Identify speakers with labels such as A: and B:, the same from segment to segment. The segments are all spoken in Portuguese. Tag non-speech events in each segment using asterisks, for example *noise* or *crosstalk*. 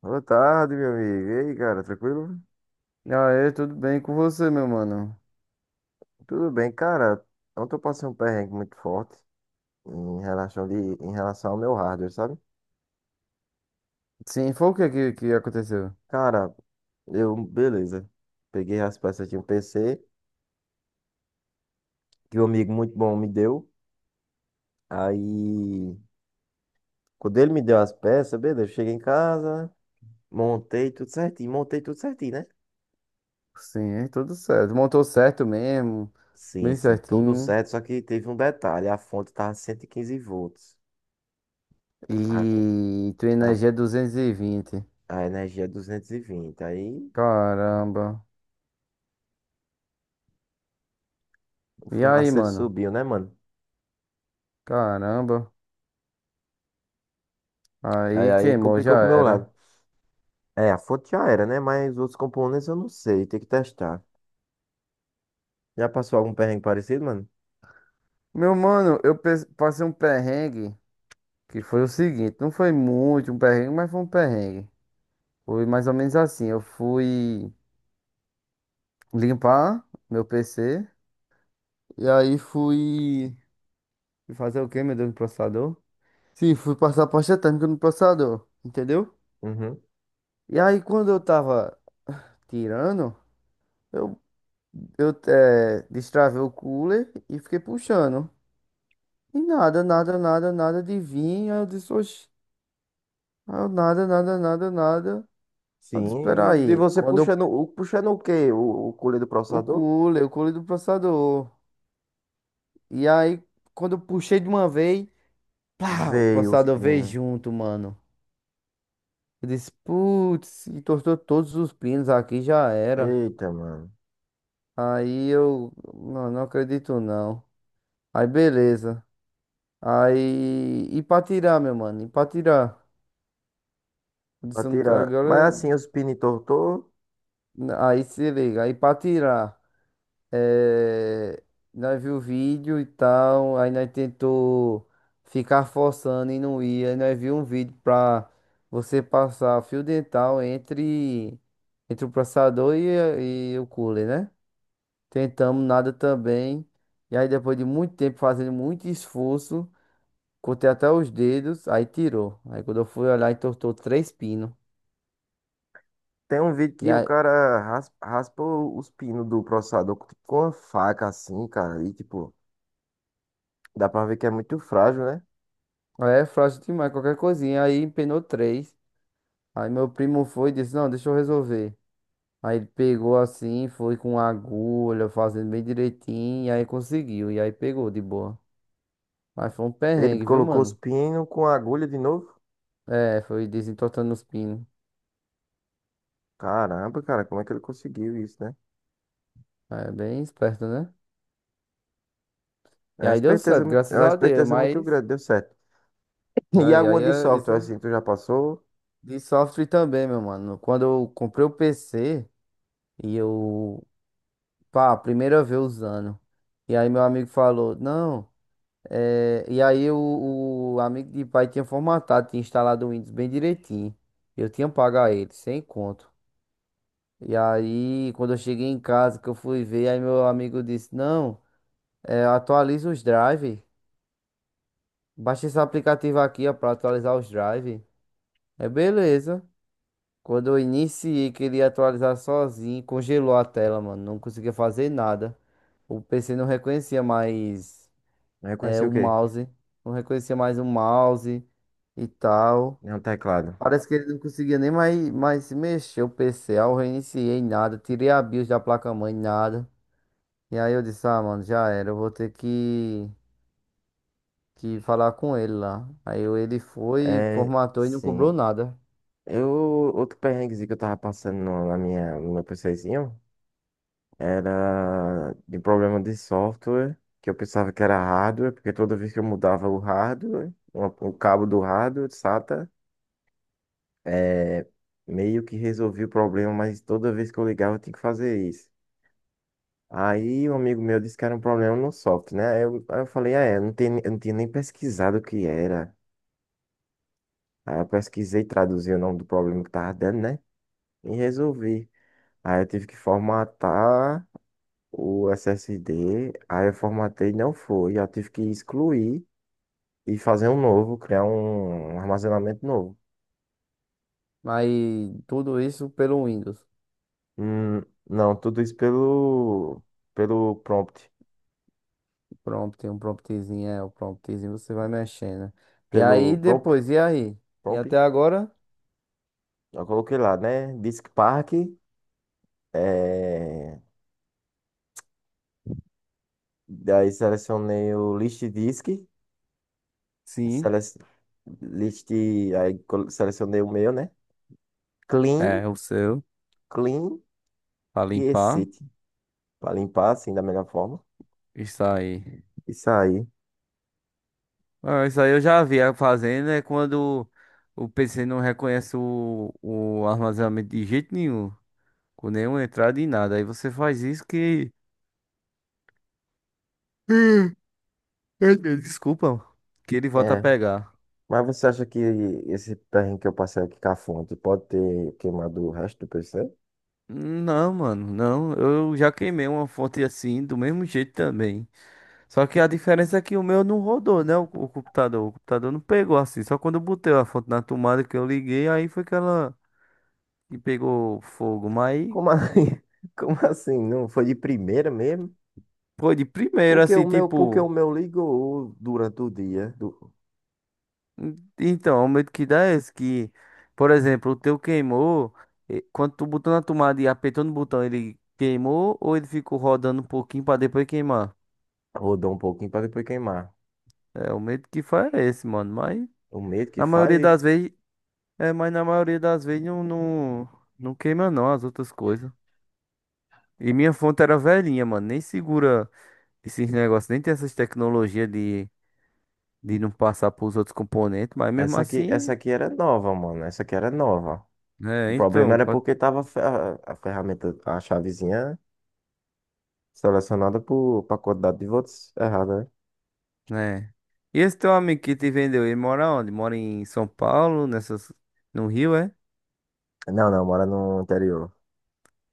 A: Boa tarde, meu amigo. E aí, cara, tranquilo?
B: Aê, tudo bem com você, meu mano?
A: Tudo bem, cara. Ontem eu passei um perrengue muito forte em relação, de, em relação ao meu hardware, sabe?
B: Sim, foi que aconteceu?
A: Cara, beleza. Peguei as peças de um PC que um amigo muito bom me deu. Aí, quando ele me deu as peças, beleza, eu cheguei em casa, montei tudo certinho, né?
B: Sim, é tudo certo. Montou certo mesmo,
A: Sim,
B: bem
A: sim, tudo
B: certinho.
A: certo, só que teve um detalhe, a fonte tava 115 V. A, co-
B: E tua
A: a,
B: energia é 220.
A: a energia é 220. Aí.
B: Caramba.
A: O
B: E aí,
A: fumaceiro
B: mano?
A: subiu, né, mano?
B: Caramba.
A: Aí,
B: Aí
A: aí
B: queimou, já
A: complicou pro meu
B: era.
A: lado. É, a fonte já era, né? Mas os outros componentes eu não sei, tem que testar. Já passou algum perrengue parecido, mano?
B: Meu mano, passei um perrengue que foi o seguinte: não foi muito um perrengue, mas foi um perrengue. Foi mais ou menos assim: eu fui limpar meu PC e aí fui. E fazer o quê, meu Deus, no processador? Sim, fui passar pasta térmica no processador, entendeu?
A: Uhum.
B: E aí, quando eu tava tirando, eu, destravei o cooler e fiquei puxando. E nada de vir. Aí eu disse, oxi. Aí eu nada. Aí eu disse,
A: Sim, e
B: peraí,
A: você
B: quando
A: puxando,
B: eu,
A: puxando o quê? O colher do processador?
B: o cooler do processador. E aí, quando eu puxei de uma vez, pá, o
A: Veio os
B: processador veio
A: pinos.
B: junto, mano. Eu disse, putz, entortou todos os pinos aqui, já era.
A: Eita, mano.
B: Aí eu, não, não acredito não. Aí beleza. Aí, e pra tirar. Eu
A: Pra
B: disse, "Não tô-
A: tirar. Mas
B: Agora,
A: assim, os pinos entortou.
B: aí se liga, aí pra tirar. É, nós viu o vídeo e tal, aí nós tentou ficar forçando e não ia. Aí nós viu um vídeo pra você passar fio dental entre, entre o processador e o cooler, né? Tentamos nada também. E aí depois de muito tempo fazendo muito esforço. Contei até os dedos, aí tirou. Aí quando eu fui olhar, entortou 3 pinos.
A: Tem um vídeo
B: E
A: que o
B: aí,
A: cara raspa, raspa os pinos do processador com tipo, com uma faca assim, cara. E tipo, dá pra ver que é muito frágil, né?
B: aí é frágil demais, qualquer coisinha. Aí empenou três. Aí meu primo foi e disse, não, deixa eu resolver. Aí ele pegou assim, foi com agulha, fazendo bem direitinho, e aí conseguiu. E aí pegou de boa. Mas foi um
A: Ele
B: perrengue, viu,
A: colocou os
B: mano?
A: pinos com a agulha de novo.
B: É, foi desentortando os pinos.
A: Caramba, cara, como é que ele conseguiu isso, né?
B: É bem esperto, né?
A: É
B: E
A: uma
B: aí deu
A: esperteza
B: certo,
A: muito, é
B: graças
A: uma
B: a Deus,
A: esperteza muito
B: mas.
A: grande, deu certo. *laughs* E
B: É, e aí
A: alguma de
B: é
A: software,
B: isso
A: assim, tu já passou?
B: de software também, meu mano. Quando eu comprei o PC. E eu pá, primeira vez usando. E aí meu amigo falou, não. E aí o amigo de pai tinha formatado, tinha instalado o Windows bem direitinho. Eu tinha pago a ele, sem conto. E aí, quando eu cheguei em casa, que eu fui ver, aí meu amigo disse, não, é, atualiza os drive. Baixa esse aplicativo aqui, ó, pra atualizar os drive. É beleza. Quando eu iniciei, queria atualizar sozinho, congelou a tela, mano. Não conseguia fazer nada. O PC não reconhecia mais.
A: Eu
B: É,
A: conheci
B: o
A: o quê?
B: mouse. Não reconhecia mais o mouse e tal.
A: Nenhum teclado.
B: Parece que ele não conseguia nem mais se mexer o PC. Aí eu reiniciei nada. Tirei a BIOS da placa-mãe, nada. E aí eu disse, ah, mano, já era. Eu vou ter que falar com ele lá. Ele foi,
A: É,
B: formatou e não cobrou
A: sim.
B: nada.
A: Eu, outro perrenguezinho que eu tava passando no meu PCzinho era de problema de software, que eu pensava que era hardware, porque toda vez que eu mudava o hardware, o cabo do hardware, SATA, é, meio que resolvi o problema, mas toda vez que eu ligava eu tinha que fazer isso. Aí um amigo meu disse que era um problema no software, né? Aí eu falei, ah, é, não tem, eu não tinha nem pesquisado o que era. Aí eu pesquisei e traduzi o nome do problema que tava dando, né? E resolvi. Aí eu tive que formatar o SSD, aí eu formatei e não foi. Eu tive que excluir e fazer um novo, criar um armazenamento novo.
B: Mas tudo isso pelo Windows.
A: Hum, não, tudo isso pelo prompt,
B: Prompt, tem um promptzinho, é, o promptzinho você vai mexendo. E aí
A: pelo prompt,
B: depois, e aí? E
A: prompt.
B: até agora?
A: Eu coloquei lá, né? Disk Park, é... Daí selecionei o list disk,
B: Sim,
A: sele... list, aí selecionei o meu, né? Clean,
B: é o seu,
A: clean
B: pra
A: e
B: limpar.
A: exit, para limpar assim da melhor forma.
B: Isso aí.
A: E sair.
B: Ah, isso aí eu já vi a fazendo, é quando o PC não reconhece o armazenamento de jeito nenhum, com nenhuma entrada e nada. Aí você faz isso que. *laughs* Desculpa, que ele volta a
A: É.
B: pegar.
A: Mas você acha que esse perrengue que eu passei aqui com a fonte pode ter queimado o resto do PC?
B: Não, mano, não. Eu já queimei uma fonte assim, do mesmo jeito também. Só que a diferença é que o meu não rodou, né? O computador. O computador não pegou assim. Só quando eu botei a fonte na tomada que eu liguei, aí foi que ela que pegou fogo. Mas.
A: Como assim? *laughs* Como assim? Não foi de primeira mesmo?
B: Pô, de primeiro,
A: Porque o
B: assim,
A: meu, porque o
B: tipo.
A: meu ligou durante o dia,
B: Então, o medo que dá é esse que, por exemplo, o teu queimou, quando tu botou na tomada e apertou no botão, ele queimou ou ele ficou rodando um pouquinho pra depois queimar?
A: rodou um pouquinho para depois queimar.
B: É, o medo que faz é esse, mano. Mas
A: O medo que
B: na maioria
A: faz.
B: das vezes, é, mas na maioria das vezes não queima não as outras coisas. E minha fonte era velhinha, mano. Nem segura esses negócios, nem tem essas tecnologias de não passar pros outros componentes, mas mesmo
A: Essa
B: assim.
A: aqui era nova, mano. Essa aqui era nova. O
B: É,
A: problema
B: então,
A: era
B: pode
A: porque tava a ferramenta, a chavezinha selecionada pra quantidade de votos errada,
B: né? E esse teu amigo que te vendeu, ele mora onde? Mora em São Paulo, nessas, no Rio, é?
A: né? Não, não, mora no interior.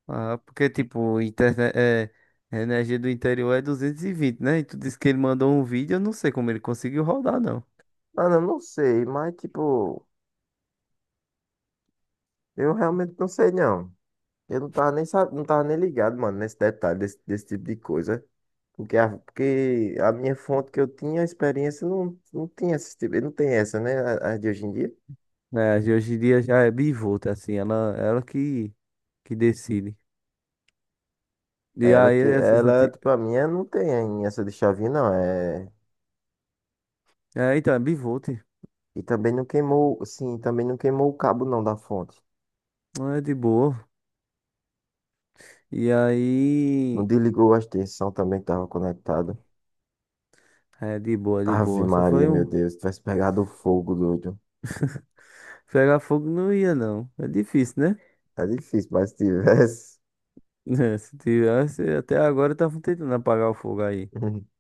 B: Ah, porque, tipo, internet, é, a energia do interior é 220, né? E tu disse que ele mandou um vídeo, eu não sei como ele conseguiu rodar, não.
A: Mano, eu não sei, mas tipo, eu realmente não sei não. Eu não tava nem, sa- não tava nem ligado, mano, nesse detalhe, desse tipo de coisa. Porque a minha fonte que eu tinha, a experiência, não, não tinha esse tipo, não tem essa, né? A de hoje em dia.
B: É, de hoje em dia já é bivolta, assim, ela que decide. E
A: Ela
B: aí,
A: que
B: essas
A: ela,
B: anti...
A: tipo, a minha não tem essa de chavinha, não. É.
B: é, então, é bivolta,
A: E também não queimou, sim, também não queimou o cabo não da fonte.
B: é de boa. E
A: Não
B: aí,
A: desligou a extensão também que estava conectada.
B: é de boa, de
A: Ave
B: boa. Só
A: Maria,
B: foi
A: meu
B: um.
A: Deus, tivesse pegado fogo, doido.
B: Pegar fogo não ia, não. É difícil, né?
A: É difícil, mas se tivesse.
B: *laughs* É, se tivesse, até agora estavam tentando apagar o fogo aí.
A: *laughs*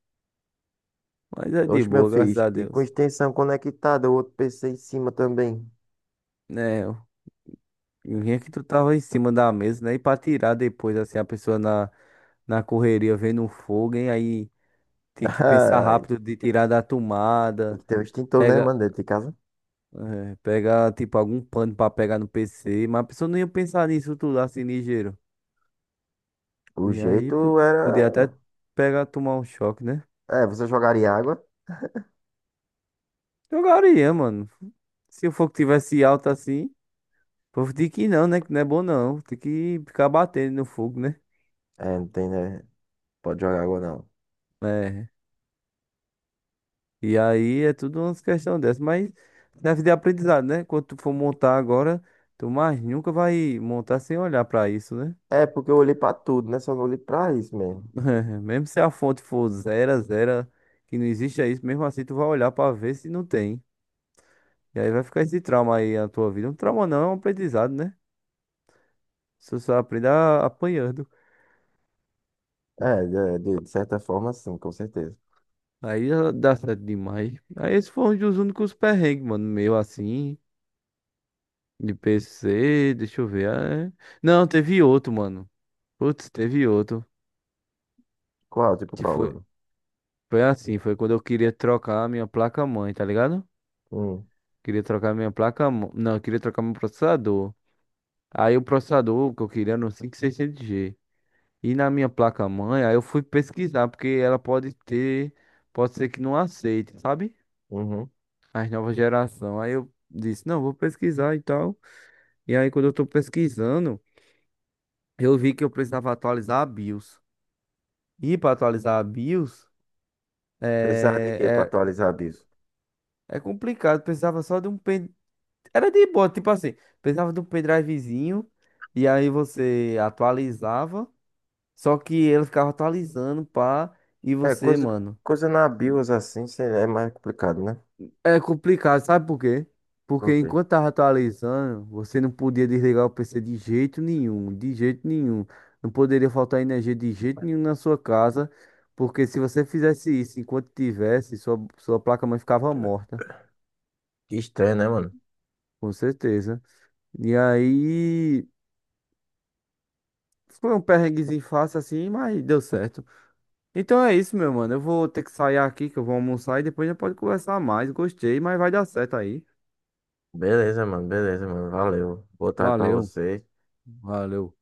B: Mas é de
A: Oxe, meu
B: boa, graças
A: filho,
B: a
A: e com
B: Deus.
A: extensão conectada, o outro PC em cima também.
B: Né, eu que tu tava em cima da mesa, né? E pra tirar depois, assim, a pessoa na, na correria vendo o fogo, hein? Aí tem que pensar
A: *laughs* Ai,
B: rápido de tirar da
A: tem
B: tomada.
A: que ter um extintor, né,
B: Pega,
A: mano, dentro de casa?
B: é, pega, tipo, algum pano pra pegar no PC. Mas a pessoa não ia pensar nisso tudo assim, ligeiro.
A: O
B: E aí
A: jeito
B: po- Podia
A: era.
B: até pegar, tomar um choque, né?
A: É, você jogaria água?
B: Jogaria, mano. Se o fogo tivesse alto assim. O povo diz que não, né? Que não é bom não. Tem que ficar batendo no fogo, né?
A: É, não tem, né? Pode jogar água, não.
B: É. E aí é tudo umas questões dessas. Mas deve de aprendizado, né? Quando tu for montar agora, tu mais nunca vai montar sem olhar pra isso, né?
A: É, porque eu olhei pra tudo, né? Só não olhei pra isso mesmo.
B: *laughs* Mesmo se a fonte for zero, que não existe é isso, mesmo assim tu vai olhar pra ver se não tem. E aí vai ficar esse trauma aí na tua vida. Um trauma não, é um aprendizado, né? Você só aprende apanhando.
A: É, de certa forma, sim, com certeza.
B: Aí já dá certo demais. Aí esse foi um dos únicos perrengues, mano, meu assim. De PC, deixa eu ver. Ah, é. Não, teve outro, mano. Putz, teve outro.
A: Qual? Tipo
B: Que
A: qual,
B: foi,
A: ano?
B: foi assim, foi quando eu queria trocar a minha placa-mãe, tá ligado?
A: Hum,
B: Queria trocar a minha placa-mãe. Não, eu queria trocar meu processador. Aí o processador que eu queria era um no 600g. E na minha placa-mãe, aí eu fui pesquisar, porque ela pode ter, pode ser que não aceite, sabe?
A: uhum.
B: As novas gerações. Aí eu disse, não, vou pesquisar e tal. E aí quando eu tô pesquisando, eu vi que eu precisava atualizar a BIOS. E para atualizar a BIOS
A: Precisava de quê pra
B: é,
A: atualizar a BIOS?
B: é complicado. Precisava só de um pen... Era de boa, tipo assim, precisava de um pendrivezinho e aí você atualizava, só que ele ficava atualizando, pá, e
A: É,
B: você,
A: coisa,
B: mano.
A: coisa na BIOS assim é mais complicado, né?
B: É complicado, sabe por quê? Porque
A: Ok.
B: enquanto tava atualizando, você não podia desligar o PC de jeito nenhum. Não poderia faltar energia de jeito nenhum na sua casa, porque se você fizesse isso enquanto tivesse, sua placa-mãe ficava morta.
A: Que estranho, né, mano?
B: Com certeza. E aí, foi um perrenguezinho fácil assim, mas deu certo. Então é isso, meu mano. Eu vou ter que sair aqui, que eu vou almoçar e depois a gente pode conversar mais. Gostei, mas vai dar certo aí.
A: Beleza, mano, beleza, mano. Valeu. Boa tarde pra
B: Valeu,
A: você.
B: valeu.